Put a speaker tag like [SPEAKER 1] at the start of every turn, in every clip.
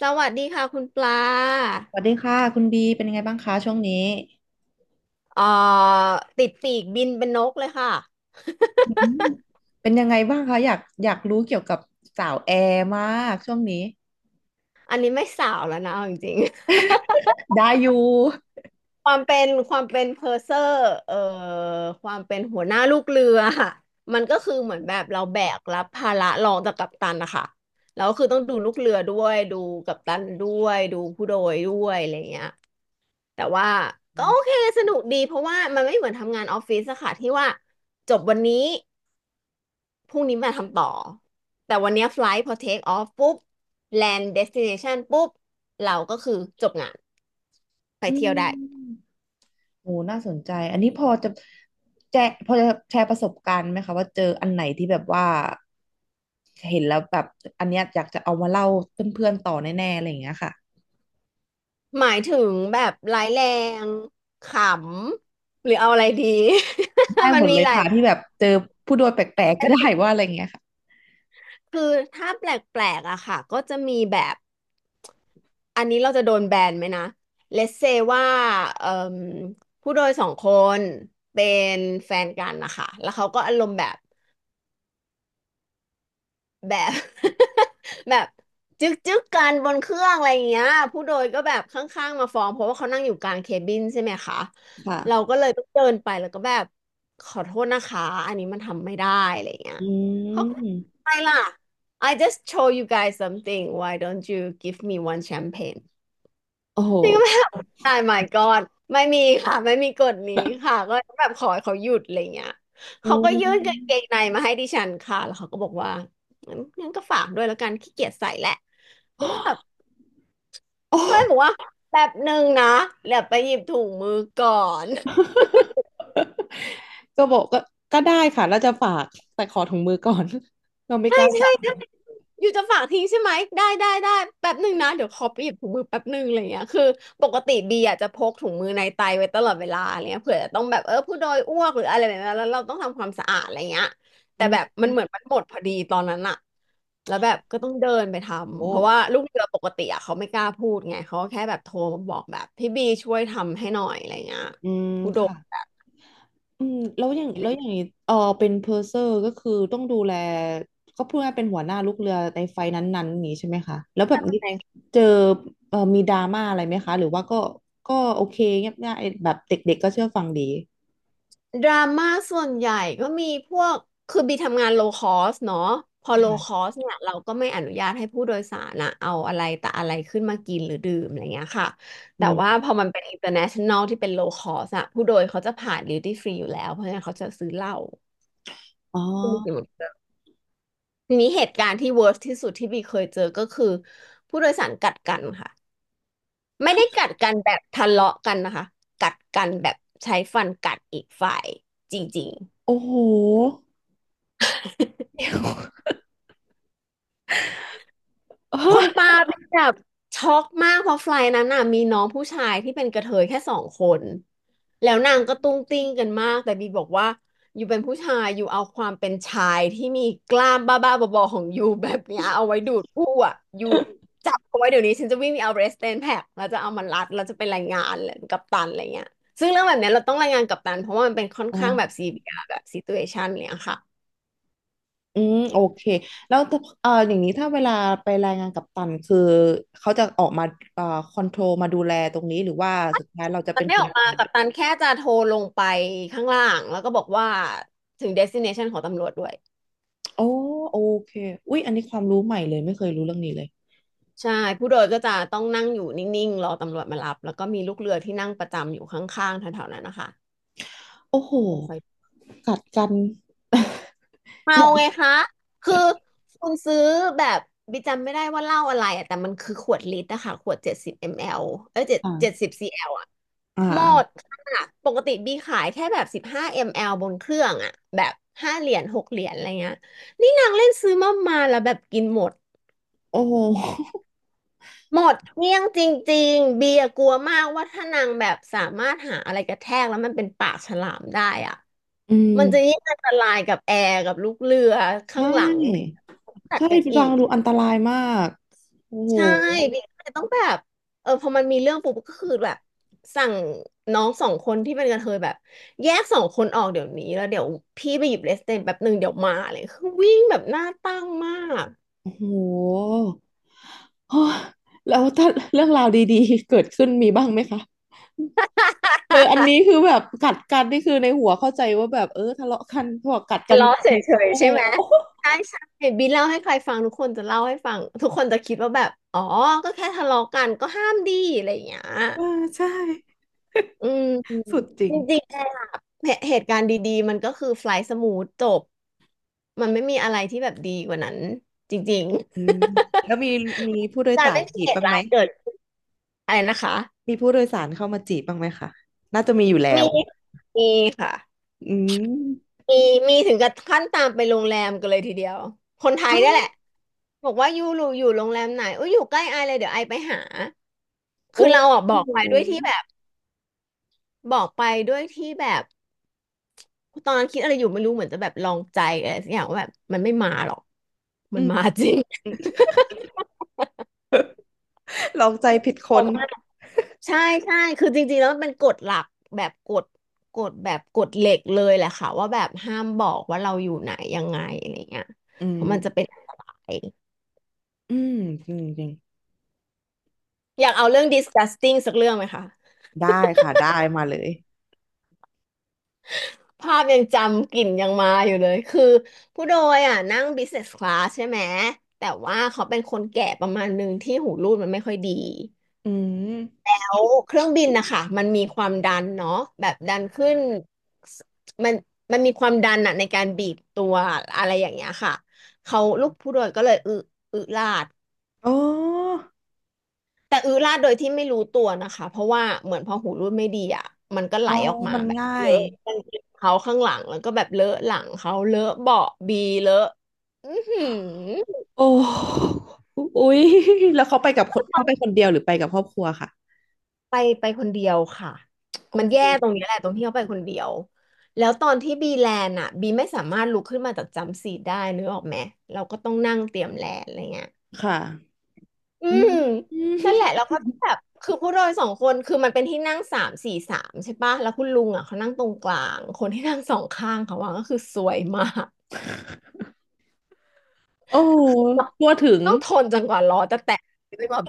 [SPEAKER 1] สวัสดีค่ะคุณปลา
[SPEAKER 2] สวัสดีค่ะคุณบีเป็นยังไงบ้างคะช่วงนี้
[SPEAKER 1] เอ่อติดปีกบินเป็นนกเลยค่ะ
[SPEAKER 2] อืมเป็นยังไงบ้างคะอยากรู้เกี่ยวกับสาวแอร์มากช่วงนี้
[SPEAKER 1] อันนี้ไม่สาวแล้วนะเอาจริง
[SPEAKER 2] ได้อยู่
[SPEAKER 1] ๆ ความเป็นเพอร์เซอร์เอ่อความเป็นหัวหน้าลูกเรือ มันก็คือเหมือนแบบเราแบกรับภาระรองจากกัปตันนะคะแล้วคือต้องดูลูกเรือด้วยดูกัปตันด้วยดูผู้โดยด้วยอะไรเงี้ยแต่ว่าก็โอเคสนุกดีเพราะว่ามันไม่เหมือนทำงานออฟฟิศอะค่ะที่ว่าจบวันนี้ พรุ่งนี้มาทำต่อ แต่วันเนี้ยไฟลท์พอเทคออฟปุ๊บแลนด์เดสติเนชันปุ๊บเราก็คือจบงานไป
[SPEAKER 2] อื
[SPEAKER 1] เที่ยวได้
[SPEAKER 2] มโหน่าสนใจอันนี้พอจะแจพอจะแชร์ประสบการณ์ไหมคะว่าเจออันไหนที่แบบว่าเห็นแล้วแบบอันเนี้ยอยากจะเอามาเล่าเพื่อนๆต่อแน่ๆอะไรอย่างเงี้ยค่ะ
[SPEAKER 1] หมายถึงแบบร้ายแรงขำหรือเอาอะไรดี
[SPEAKER 2] ได้
[SPEAKER 1] มั
[SPEAKER 2] หม
[SPEAKER 1] น
[SPEAKER 2] ด
[SPEAKER 1] มี
[SPEAKER 2] เลย
[SPEAKER 1] หลาย
[SPEAKER 2] ค่ะที่แบบเจอผู้โดยแปลกๆก็ได้ว่าอะไรอย่างเงี้ยค่ะ
[SPEAKER 1] คือถ้าแปลกๆอะค่ะก็จะมีแบบอันนี้เราจะโดนแบนไหมนะ Let's say ว่าเอ่มผู้โดยสองคนเป็นแฟนกันนะคะแล้วเขาก็อารมณ์แบบ แบบจึ๊กจึ๊กกันบนเครื่องอะไรอย่างเงี้ยผู้โดยก็แบบข้างๆมาฟ้องเพราะว่าเขานั่งอยู่กลางเคบินใช่ไหมคะเรา
[SPEAKER 2] ค่ะ
[SPEAKER 1] ก็เลยต้องเดินไปแล้วก็แบบขอโทษนะคะอันนี้มันทำไม่ได้อะไรอย่างเงี้ย
[SPEAKER 2] อื
[SPEAKER 1] เขาก็
[SPEAKER 2] ม
[SPEAKER 1] ไม่ล่ะ I just show you guys something why don't you give me one champagne
[SPEAKER 2] โอ้โห
[SPEAKER 1] นี่ก็แบบมาย my god ไม่มีค่ะไม่มีกฎนี้ค่ะก็แบบขอให้เขาหยุดอะไรเงี้ย
[SPEAKER 2] อื
[SPEAKER 1] เขาก็ยื่นกางเกง
[SPEAKER 2] ม
[SPEAKER 1] ในมาให้ดิฉันค่ะแล้วเขาก็บอกว่างั้นก็ฝากด้วยแล้วกันขี้เกียจใส่แหละแบบ
[SPEAKER 2] โอ้
[SPEAKER 1] ก็เลยบอกว่าแบบหนึ่งนะเดี๋ยวไปหยิบถุงมือก่อน
[SPEAKER 2] ก็บอกก็ได้ค่ะแล้วจะฝากแต่ขอถุงมือก่อน เรา ไม่
[SPEAKER 1] ใช่
[SPEAKER 2] กล้าจั
[SPEAKER 1] ใช่
[SPEAKER 2] บ
[SPEAKER 1] อยู่จะฝากทิ้งใช่ไหมได้ได้ได้แป๊บหนึ่งนะเดี๋ยวขอไปหยิบถุงมือแป๊บหนึ่งอะไรเงี้ยคือปกติบีอาจจะพกถุงมือในไตไว้ตลอดเวลาอะไรเงี้ยเผื่อจะต้องแบบเออผู้โดยอ้วกหรืออะไรแบบนั้นแล้วเราต้องทำความสะอาดอะไรเงี้ยแต่
[SPEAKER 2] อื
[SPEAKER 1] แบบ
[SPEAKER 2] ม
[SPEAKER 1] มันเหมือนมันหมดพอดีตอนนั้นอะแล้วแบบก็ต้องเดินไปท
[SPEAKER 2] โอ้
[SPEAKER 1] ำเพราะว่าลูกเรือปกติอะเขาไม่กล้าพูดไงเขาก็แค่แบบโทรมาบอกแบบพี่บีช่วยทำให้หน่อยอะไรเงี้ย
[SPEAKER 2] อืม
[SPEAKER 1] ผู้โด
[SPEAKER 2] ค่ะ
[SPEAKER 1] ย
[SPEAKER 2] อืมแล้วอย่างนี้เออเป็นเพอร์เซอร์ก็คือต้องดูแลก็พูดง่ายๆเป็นหัวหน้าลูกเรือในไฟนั้นๆอย่างนี้ใช่ไหมคะแล้วแบบ
[SPEAKER 1] แส
[SPEAKER 2] นี้
[SPEAKER 1] ดง
[SPEAKER 2] เจอเออมีดราม่าอะไรไหมคะหรือว่าก็โอเคเงียบง่ายแบบเด็กๆก็เชื่อฟังดี
[SPEAKER 1] ดราม่าส่วนใหญ่ก็มีพวกคือบีทำงานโลคอสเนาะพอโลคอ
[SPEAKER 2] ค่ะ
[SPEAKER 1] สเนี่ยเราก็ไม่อนุญาตให้ผู้โดยสารอะเอาอะไรแต่อะไรขึ้นมากินหรือดื่มอะไรเงี้ยค่ะ
[SPEAKER 2] อื
[SPEAKER 1] แต่
[SPEAKER 2] ม
[SPEAKER 1] ว่าพอมันเป็น international ที่เป็นโลคอสอะผู้โดยเขาจะผ่าน duty free อยู่แล้วเพราะฉะนั้นเขาจะซื้อเหล้า
[SPEAKER 2] อ๋อ
[SPEAKER 1] ที่มันกินหมดทีนี้เหตุการณ์ที่ worst ที่สุดที่บีเคยเจอก็คือผู้โดยสารกัดกันค่ะไม่ได้กัดกันแบบทะเลาะกันนะคะกัดกันแบบใช้ฟันกัดอีกฝ่ายจริงๆ
[SPEAKER 2] โอ้โห
[SPEAKER 1] คุณปาเป็นแบบช็อกมากเพราะไฟล์นั้นน่ะมีน้องผู้ชายที่เป็นกระเทยแค่สองคนแล้วนางก็ตุ้งติ้งกันมากแต่บีบอกว่าอยู่เป็นผู้ชายอยู่เอาความเป็นชายที่มีกล้ามบ้าๆบอๆของยูแบบเนี้ยเอาไว้ดูดผู้อ่ะยูจับเอาไว้เดี๋ยวนี้ฉันจะวิ่งไปเอาเรสเตนแพ็กแล้วจะเอามันรัดแล้วจะเป็นรายงานเลยกัปตันอะไรเงี้ยซึ่งเรื่องแบบเนี้ยเราต้องรายงานกัปตันเพราะว่ามันเป็นค่อน
[SPEAKER 2] อ๋อ
[SPEAKER 1] ข้างแบบซีเรียสแบบซิตูเอชันเนี่ยค่ะ
[SPEAKER 2] อืมโอเคแล้วถ้าอย่างนี้ถ้าเวลาไปรายงานกัปตันคือเขาจะออกมาเอ่อคอนโทรลมาดูแลตรงนี้หรือว่าสุดท้ายเราจะ
[SPEAKER 1] มั
[SPEAKER 2] เป็
[SPEAKER 1] น
[SPEAKER 2] น
[SPEAKER 1] ไม่
[SPEAKER 2] ค
[SPEAKER 1] ออ
[SPEAKER 2] น
[SPEAKER 1] กมากัปตันแค่จะโทรลงไปข้างล่างแล้วก็บอกว่าถึงเดสติเนชันของตำรวจด้วย
[SPEAKER 2] โอ้โอเคอุ๊ยอันนี้ความรู้ใหม่เลยไม่เคยรู้เรื่องนี้เลย
[SPEAKER 1] ใช่ผู้โดยก็จะต้องนั่งอยู่นิ่งๆรอตำรวจมารับแล้วก็มีลูกเรือที่นั่งประจำอยู่ข้างๆแถวๆนั้นนะคะ
[SPEAKER 2] โอ้โห
[SPEAKER 1] ที่จะคอย
[SPEAKER 2] กัดกัน
[SPEAKER 1] เมา
[SPEAKER 2] เนี่ย
[SPEAKER 1] ไงคะ คือคุณซื้อแบบบิกจำไม่ได้ว่าเหล้าอะไรอะแต่มันคือขวดลิตรอะค่ะขวด70 มลลิลิตรเอ้ยเจ็ด
[SPEAKER 2] อ่า
[SPEAKER 1] สิบซีแอลอะ
[SPEAKER 2] อ่
[SPEAKER 1] หมด
[SPEAKER 2] า
[SPEAKER 1] ค่ะ ปกติบีขายแค่แบบ15 มลลิลิตรบนเครื่องอะ แบบ5 เหรียญ6 เหรียญอะไรเงี้ยนี่นางเล่นซื้อมาแล้วแบบกินหมด
[SPEAKER 2] โอ้โห
[SPEAKER 1] หมดเกลี้ยงจริงๆเบียร์กลัวมากว่าถ้านางแบบสามารถหาอะไรกระแทกแล้วมันเป็นปากฉลามได้อ่ะ
[SPEAKER 2] อื
[SPEAKER 1] มั
[SPEAKER 2] ม
[SPEAKER 1] นจะยิ่งอันตรายกับแอร์กับลูกเรือ
[SPEAKER 2] ใช
[SPEAKER 1] ข้างหลังที่
[SPEAKER 2] ่
[SPEAKER 1] ตัด
[SPEAKER 2] ใช่
[SPEAKER 1] กันอี
[SPEAKER 2] ฟัง
[SPEAKER 1] ก
[SPEAKER 2] ดูอันตรายมากโอ้โห
[SPEAKER 1] ใช่เบียร์ก็เลยต้องแบบเออพอมันมีเรื่องปุ๊บก็คือแบบสั่งน้องสองคนที่เป็นกระเทยแบบแยกสองคนออกเดี๋ยวนี้แล้วเดี๋ยวพี่ไปหยิบเลสเตนแป๊บหนึ่งเดี๋ยวมาเลยคือวิ่งแบบหน้าตั้งมาก
[SPEAKER 2] โอ้โหโอ้ยแล้วถ้าเรื่องราวดีๆเกิดขึ้นมีบ้างไหมคะ เอออันนี้คือแบบกัดกันนี่คือในหัวเข้าใจว่าแบบเออทะเลาะกันพอกัดกัน
[SPEAKER 1] ล้
[SPEAKER 2] จ
[SPEAKER 1] อเฉ
[SPEAKER 2] ริงๆ
[SPEAKER 1] ย
[SPEAKER 2] โอ้
[SPEAKER 1] ๆใช่
[SPEAKER 2] โห
[SPEAKER 1] ไหมใช่ใช่บีเล่าให้ใครฟังทุกคนจะเล่าให้ฟังทุกคนจะคิดว่าแบบอ๋อก็แค่ทะเลาะกันก็ห้ามดีอะไรอย่างเงี้ย
[SPEAKER 2] เออใช่
[SPEAKER 1] อืม
[SPEAKER 2] สุดจริ
[SPEAKER 1] จ
[SPEAKER 2] ง
[SPEAKER 1] ริงๆอะเหตุการณ์ดีๆมันก็คือไฟล์สมูทจบมันไม่มีอะไรที่แบบดีกว่านั้นจริง
[SPEAKER 2] อืมแล้วมีมี
[SPEAKER 1] ๆ
[SPEAKER 2] ผู้โดย
[SPEAKER 1] การ
[SPEAKER 2] สาร
[SPEAKER 1] ไม่มี
[SPEAKER 2] จีบ
[SPEAKER 1] เห
[SPEAKER 2] บ้า
[SPEAKER 1] ตุ
[SPEAKER 2] งไหม
[SPEAKER 1] ร้ายเกิดอะไรนะคะ
[SPEAKER 2] มีผู้โดยสารเข้ามาจีบบ้างไหมคะน่าจะมีอยู่แล้
[SPEAKER 1] มี
[SPEAKER 2] ว
[SPEAKER 1] มีค่ะ
[SPEAKER 2] อืม
[SPEAKER 1] มีมีถึงกับขั้นตามไปโรงแรมกันเลยทีเดียว คนไทย
[SPEAKER 2] อ้า
[SPEAKER 1] ได้แห
[SPEAKER 2] ว
[SPEAKER 1] ละบอกว่ายูรูอยู่โรงแรมไหนอุ้ยอยู่ใกล้ไอเลยเดี๋ยวไอไปหา
[SPEAKER 2] โอ้
[SPEAKER 1] คือเราอ่ะบอก
[SPEAKER 2] โห
[SPEAKER 1] ไปด้วยที่แบบบอกไปด้วยที่แบบตอนนั้นคิดอะไรอยู่ไม่รู้เหมือนจะแบบลองใจอะไรสักอย่างว่าแบบมันไม่มาหรอกมั
[SPEAKER 2] อื
[SPEAKER 1] นมา
[SPEAKER 2] ม
[SPEAKER 1] จริง
[SPEAKER 2] ลองใจผิดค
[SPEAKER 1] ออ
[SPEAKER 2] น
[SPEAKER 1] กมาใช่ใช่คือจริงๆแล้วมันเป็นกฎหลักแบบกฎเหล็กเลยแหละค่ะว่าแบบห้ามบอกว่าเราอยู่ไหนยังไงอะไรเงี้ย
[SPEAKER 2] อื
[SPEAKER 1] เพ
[SPEAKER 2] ม
[SPEAKER 1] ราะมันจะเป็นอันตราย
[SPEAKER 2] อืมจริงจริง
[SPEAKER 1] อยากเอาเรื่อง disgusting สักเรื่องไหมคะ
[SPEAKER 2] ได้ค่ะได้มาเลย
[SPEAKER 1] ภาพยังจำกลิ่นยังมาอยู่เลยคือผู้โดยอ่ะนั่ง business class ใช่ไหมแต่ว่าเขาเป็นคนแก่ประมาณหนึ่งที่หูรูดมันไม่ค่อยดี
[SPEAKER 2] อืม
[SPEAKER 1] แล้วเครื่องบินนะคะมันมีความดันเนาะแบบดันขึ้นสมันมันมีความดันอะในการบีบตัวอะไรอย่างเงี้ยค่ะเขาลูกผู้โดยก็เลยอึลาด
[SPEAKER 2] โอ้
[SPEAKER 1] แต่อื้อราดโดยที่ไม่รู้ตัวนะคะเพราะว่าเหมือนพอหูรูดไม่ดีอ่ะมันก็ไหล
[SPEAKER 2] อ๋อ
[SPEAKER 1] ออกมา
[SPEAKER 2] มัน
[SPEAKER 1] แบบ
[SPEAKER 2] ง่า
[SPEAKER 1] เล
[SPEAKER 2] ย
[SPEAKER 1] อะกางเกงเขาข้างหลังแล้วก็แบบเลอะหลังเขาเลอะเบาะบีเลอะอือหือ
[SPEAKER 2] โอ้อุ๊ยแล้วเขาไปกับคนเขาไปคนเดียวหรือไปกับครอบครัวค่ะ
[SPEAKER 1] ไปไปคนเดียวค่ะ
[SPEAKER 2] โอ
[SPEAKER 1] มันแย่ตรง
[SPEAKER 2] ้
[SPEAKER 1] นี้แหละตรงที่เขาไปคนเดียวแล้วตอนที่บีแลนด์อ่ะบีไม่สามารถลุกขึ้นมาจากจัมป์ซีทได้นึกออกไหมเราก็ต้องนั่งเตรียมแลนด์อะไรเงี้ย
[SPEAKER 2] ค่ะ
[SPEAKER 1] อื
[SPEAKER 2] อืม
[SPEAKER 1] มนั่นแหละแล้วก็แบบคือผู้โดยสองคนคือมันเป็นที่นั่งสามสี่สามใช่ปะแล้วคุณลุงอ่ะเขานั่งตรงกลางคนที่นั่งสองข้างเขาว่าก็คือสวยมาก
[SPEAKER 2] โอ้ทั่วถึง
[SPEAKER 1] ต้องทนจนกว่าล้อจะแตกเลยแบบ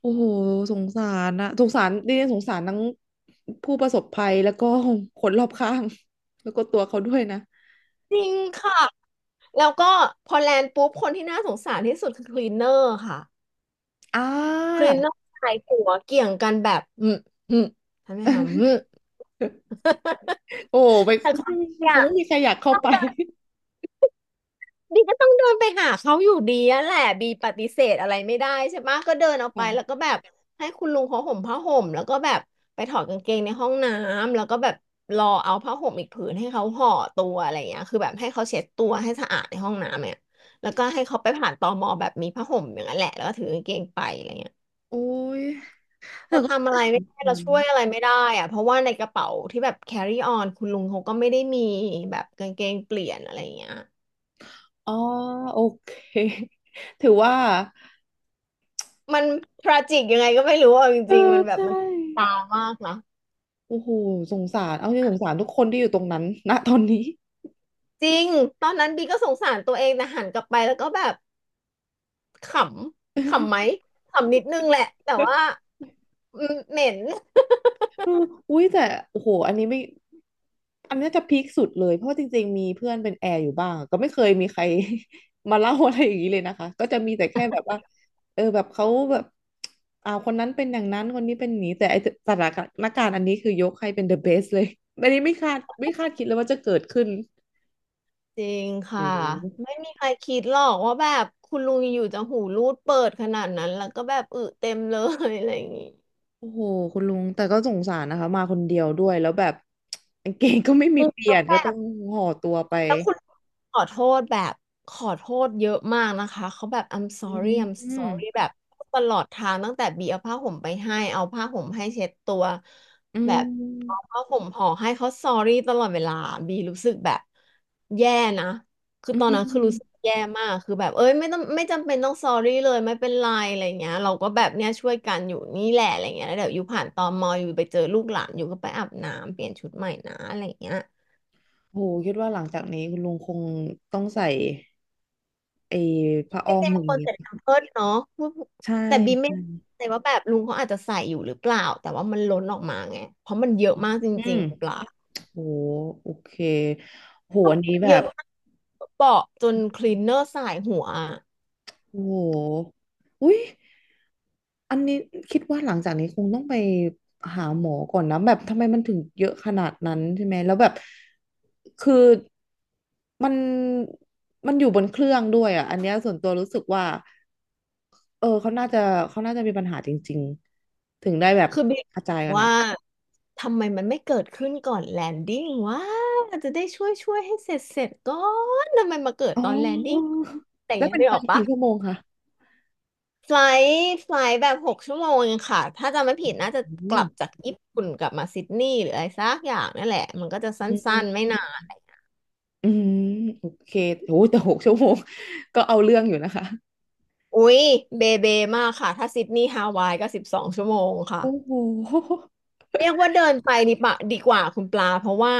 [SPEAKER 2] โอ้โหสงสารนะสงสารดิฉันสงสารทั้งผู้ประสบภัยแล้วก็คนรอบข้างแล้วก็ตัวเขาด้วยนะ
[SPEAKER 1] จริงค่ะแล้วก็พอแลนด์ปุ๊บคนที่น่าสงสารที่สุดคือคลีนเนอร์ค่ะ
[SPEAKER 2] อ่
[SPEAKER 1] คลี
[SPEAKER 2] า
[SPEAKER 1] นเนอร์ชายหัวเกี่ยงกันแบบอืมอืมทำไมคะอืม
[SPEAKER 2] โอ้ไป
[SPEAKER 1] แต่ของ
[SPEAKER 2] มัน
[SPEAKER 1] เนี่
[SPEAKER 2] ค
[SPEAKER 1] ย
[SPEAKER 2] งไม่มีใครอยากเข้า
[SPEAKER 1] ต้อง
[SPEAKER 2] ไป
[SPEAKER 1] เดิน บีก็ต้องเดินไปหาเขาอยู่ดีอะแหละบีปฏิเสธอะไรไม่ได้ใช่ปะก็เดินออกไปแล้วก็
[SPEAKER 2] ค่ะ
[SPEAKER 1] แบบให้คุณลุงเขาห่มผ้าห่มแล้วก็แบบไปถอดกางเกงในห้องน้ำแล้วก็แบบรอเอาผ้าห่มอีกผืนให้เขาห่อตัวอะไรอย่างเงี้ยคือแบบให้เขาเช็ดตัวให้สะอาดในห้องน้ำเนี่ยแล้วก็ให้เขาไปผ่านตมแบบมีผ้าห่มอย่างนั้นแหละแล้วก็ถือกางเกงไปอะไรเงี้ย
[SPEAKER 2] โอ้ยแต่
[SPEAKER 1] เรา
[SPEAKER 2] ก็
[SPEAKER 1] ทำอะ
[SPEAKER 2] ส
[SPEAKER 1] ไรไม่
[SPEAKER 2] ง
[SPEAKER 1] ได้
[SPEAKER 2] สา
[SPEAKER 1] เรา
[SPEAKER 2] ร
[SPEAKER 1] ช่วยอะไรไม่ได้อะเพราะว่าในกระเป๋าที่แบบ carry on คุณลุงเขาก็ไม่ได้มีแบบกางเกงเปลี่ยนอะไรอย่างเงี้ย
[SPEAKER 2] อ๋อโอเคถือว่า
[SPEAKER 1] มันทราจิกยังไงก็ไม่รู้เอาจ
[SPEAKER 2] เอ
[SPEAKER 1] ริงๆ
[SPEAKER 2] อ
[SPEAKER 1] มันแบบ
[SPEAKER 2] ใช่
[SPEAKER 1] มันตามากนะ
[SPEAKER 2] โอ้โหสงสารเอาจริงสงสารทุกคนที่อยู่ตรงนั้น ณตอนนี้
[SPEAKER 1] จริง ตอนนั้นบีก็สงสารตัวเองแต่หันกลับไปแล้วก็แบบขขำไหมขำนิดนึงแหละแต่ว่า อืมเหม็น
[SPEAKER 2] เอออุ้ยแต่โอ้โหอันนี้ไม่อันนี้จะพีคสุดเลยเพราะว่าจริงๆมีเพื่อนเป็นแอร์อยู่บ้างก็ไม่เคยมีใคร มาเล่าอะไรอย่างนี้เลยนะคะก็จะมีแต่แค่แบบว่าเออแบบเขาแบบอ่าคนนั้นเป็นอย่างนั้นคนนี้เป็นอย่างนี้แต่ไอสถานการณ์อันนี้คือยกให้เป็น the best เลยอันนี้ไม่คาดคิดเลยว่าจะเกิดขึ้น
[SPEAKER 1] จริง
[SPEAKER 2] โอ้
[SPEAKER 1] ค่ะ
[SPEAKER 2] โห
[SPEAKER 1] ไม่มีใครคิดหรอกว่าแบบคุณลุงอยู่จะหูรูดเปิดขนาดนั้นแล้วก็แบบอึเต็มเลยอะไรอย่างงี้
[SPEAKER 2] โอ้โหคุณลุงแต่ก็สงสารนะคะมาคนเดียวด้วยแล้วแบบ กางเกงก็ไม่มี
[SPEAKER 1] อึ
[SPEAKER 2] เปลี่
[SPEAKER 1] แล้
[SPEAKER 2] ย
[SPEAKER 1] ว
[SPEAKER 2] น
[SPEAKER 1] แบ
[SPEAKER 2] ก็ต้อ
[SPEAKER 1] บ
[SPEAKER 2] งห่อตัวไป
[SPEAKER 1] แล้วคุณขอโทษแบบขอโทษเยอะมากนะคะเขาแบบ I'm
[SPEAKER 2] อื
[SPEAKER 1] sorry
[SPEAKER 2] ม
[SPEAKER 1] I'm
[SPEAKER 2] อืม
[SPEAKER 1] sorry แบบตลอดทางตั้งแต่บีเอาผ้าห่มไปให้เอาผ้าห่มให้เช็ดตัว
[SPEAKER 2] อื
[SPEAKER 1] แบบเอา
[SPEAKER 2] ม
[SPEAKER 1] ผ้าห่มห่อให้เขา sorry ตลอดเวลาบีรู้สึกแบบแย่นะคือ
[SPEAKER 2] อื
[SPEAKER 1] ตอนนั้นคือรู้สึก
[SPEAKER 2] ม
[SPEAKER 1] แย่มากคือแบบเอ้ยไม่ต้องไม่จำเป็นต้อง sorry เลยไม่เป็นไรอะไรเงี้ยเราก็แบบเนี้ยช่วยกันอยู่นี่แหละอะไรเงี้ยแล้วเดี๋ยวอยู่ผ่านตมอยู่ไปเจอลูกหลานอยู่ก็ไปอาบน้ำเปลี่ยนชุดใหม่นะอะไรเงี้ย
[SPEAKER 2] โหคิดว่าหลังจากนี้คุณลุงคงต้องใส่ไอ้ผ้า
[SPEAKER 1] เป็
[SPEAKER 2] อ้
[SPEAKER 1] น
[SPEAKER 2] อม
[SPEAKER 1] บาง
[SPEAKER 2] อะไรอ
[SPEAKER 1] ค
[SPEAKER 2] ย่าง
[SPEAKER 1] น
[SPEAKER 2] เงี้ย
[SPEAKER 1] ใส่แพมเพิร์สเนาะ
[SPEAKER 2] ใช่
[SPEAKER 1] แต่บี
[SPEAKER 2] ใ
[SPEAKER 1] ไม่แน่
[SPEAKER 2] ช่
[SPEAKER 1] ใจว่าแบบลุงเขาอาจจะใส่อยู่หรือเปล่าแต่ว่ามันล้นออกมาไง เพราะมันเยอะมากจ
[SPEAKER 2] อื
[SPEAKER 1] ริง
[SPEAKER 2] ม
[SPEAKER 1] ๆหรือเปล่า
[SPEAKER 2] โหโอเคโห
[SPEAKER 1] เพราะ
[SPEAKER 2] อันนี้
[SPEAKER 1] มัน
[SPEAKER 2] แบ
[SPEAKER 1] เยอะ
[SPEAKER 2] บ
[SPEAKER 1] มากเปาะจนคลีนเนอร์สายหัวอะ
[SPEAKER 2] โอ้โหอุ้ยอันนี้คิดว่าหลังจากนี้คงต้องไปหาหมอก่อนนะแบบทำไมมันถึงเยอะขนาดนั้นใช่ไหมแล้วแบบคือมันมันอยู่บนเครื่องด้วยอ่ะอันเนี้ยส่วนตัวรู้สึกว่าเออเขาน่าจะมีปัญหาจริงๆถึงได้แบบ
[SPEAKER 1] คือบี
[SPEAKER 2] กระจายขนาด
[SPEAKER 1] ว่า
[SPEAKER 2] นั้น
[SPEAKER 1] ทำไมมันไม่เกิดขึ้นก่อนแลนดิ้งว่าจะได้ช่วยให้เสร็จก่อนทำไมมาเกิด
[SPEAKER 2] อ๋อ
[SPEAKER 1] ตอนแลน
[SPEAKER 2] เอ
[SPEAKER 1] ดิ้
[SPEAKER 2] อ
[SPEAKER 1] งแต่
[SPEAKER 2] แล้ว
[SPEAKER 1] ยัง
[SPEAKER 2] เป็น
[SPEAKER 1] ได้
[SPEAKER 2] ไฟ
[SPEAKER 1] ออกปะ
[SPEAKER 2] กี่ชั่วโมงคะ
[SPEAKER 1] ไฟลไฟลท์แบบ6 ชั่วโมงงค่ะถ้าจำไม่ผิดน่าจะก
[SPEAKER 2] โอ้
[SPEAKER 1] ลับจากญี่ปุ่นกลับมาซิดนีย์หรืออะไรสักอย่างนั่นแหละมันก็จะสั
[SPEAKER 2] อื
[SPEAKER 1] ้นๆไม่นา
[SPEAKER 2] ม
[SPEAKER 1] น
[SPEAKER 2] อืมโอเคโอ้โหแต่6 ชั่วโมงก็เอาเรื่องอยู่นะคะ
[SPEAKER 1] อุ๊ยเบเบมากค่ะถ้าซิดนีย์ฮาวายก็12 ชั่วโมงค่ะ
[SPEAKER 2] โอ้โห
[SPEAKER 1] เรียกว่าเดินไปดีปะดีกว่าคุณปลาเพราะว่า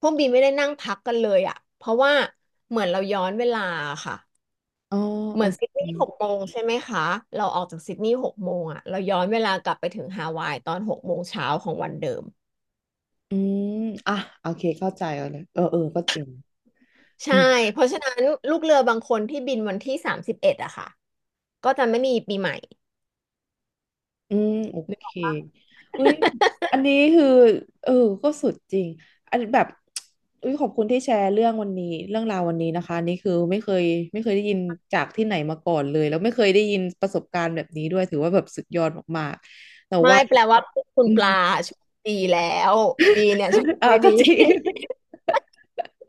[SPEAKER 1] พวกบีไม่ได้นั่งพักกันเลยอ่ะเพราะว่าเหมือนเราย้อนเวลาค่ะ
[SPEAKER 2] อ๋อ
[SPEAKER 1] เห
[SPEAKER 2] โอ
[SPEAKER 1] มือนซิดนีย์
[SPEAKER 2] เค
[SPEAKER 1] หกโมงใช่ไหมคะเราออกจากซิดนีย์หกโมงอ่ะเราย้อนเวลากลับไปถึงฮาวายตอนหกโมงเช้าของวันเดิม
[SPEAKER 2] อืมอ่ะโอเคเข้าใจแล้วนะเออก็จริง
[SPEAKER 1] ใช่
[SPEAKER 2] อืม
[SPEAKER 1] เพราะฉะนั้นลูกเรือบางคนที่บินวันที่31อะค่ะก็จะไม่มีปีใหม่
[SPEAKER 2] อืมโอเคอุ้ย อันนี้คือเออก็สุดจริงอันแบบอุ้ยขอบคุณที่แชร์เรื่องวันนี้เรื่องราววันนี้นะคะอันนี่คือไม่เคยได้ยินจากที่ไหนมาก่อนเลยแล้วไม่เคยได้ยินประสบการณ์แบบนี้ด้วยถือว่าแบบสุดยอดมากๆแต่
[SPEAKER 1] ไม่
[SPEAKER 2] ว่า
[SPEAKER 1] แปลว่าคุณ
[SPEAKER 2] อื
[SPEAKER 1] ป
[SPEAKER 2] ม
[SPEAKER 1] ลาโชคดีแล้วบีเนี่ยโชค
[SPEAKER 2] อ่า
[SPEAKER 1] ไม่
[SPEAKER 2] ก็
[SPEAKER 1] ดี
[SPEAKER 2] จริ ง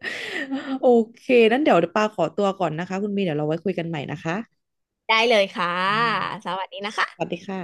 [SPEAKER 2] โอเคนั้นเดี๋ยวปาขอตัวก่อนนะคะคุณมีเดี๋ยวเราไว้คุยกันใหม่นะคะ
[SPEAKER 1] ได้เลยค่ะ
[SPEAKER 2] อืม
[SPEAKER 1] สวัสดีนะ
[SPEAKER 2] สวัส
[SPEAKER 1] คะ
[SPEAKER 2] ดีค่ะ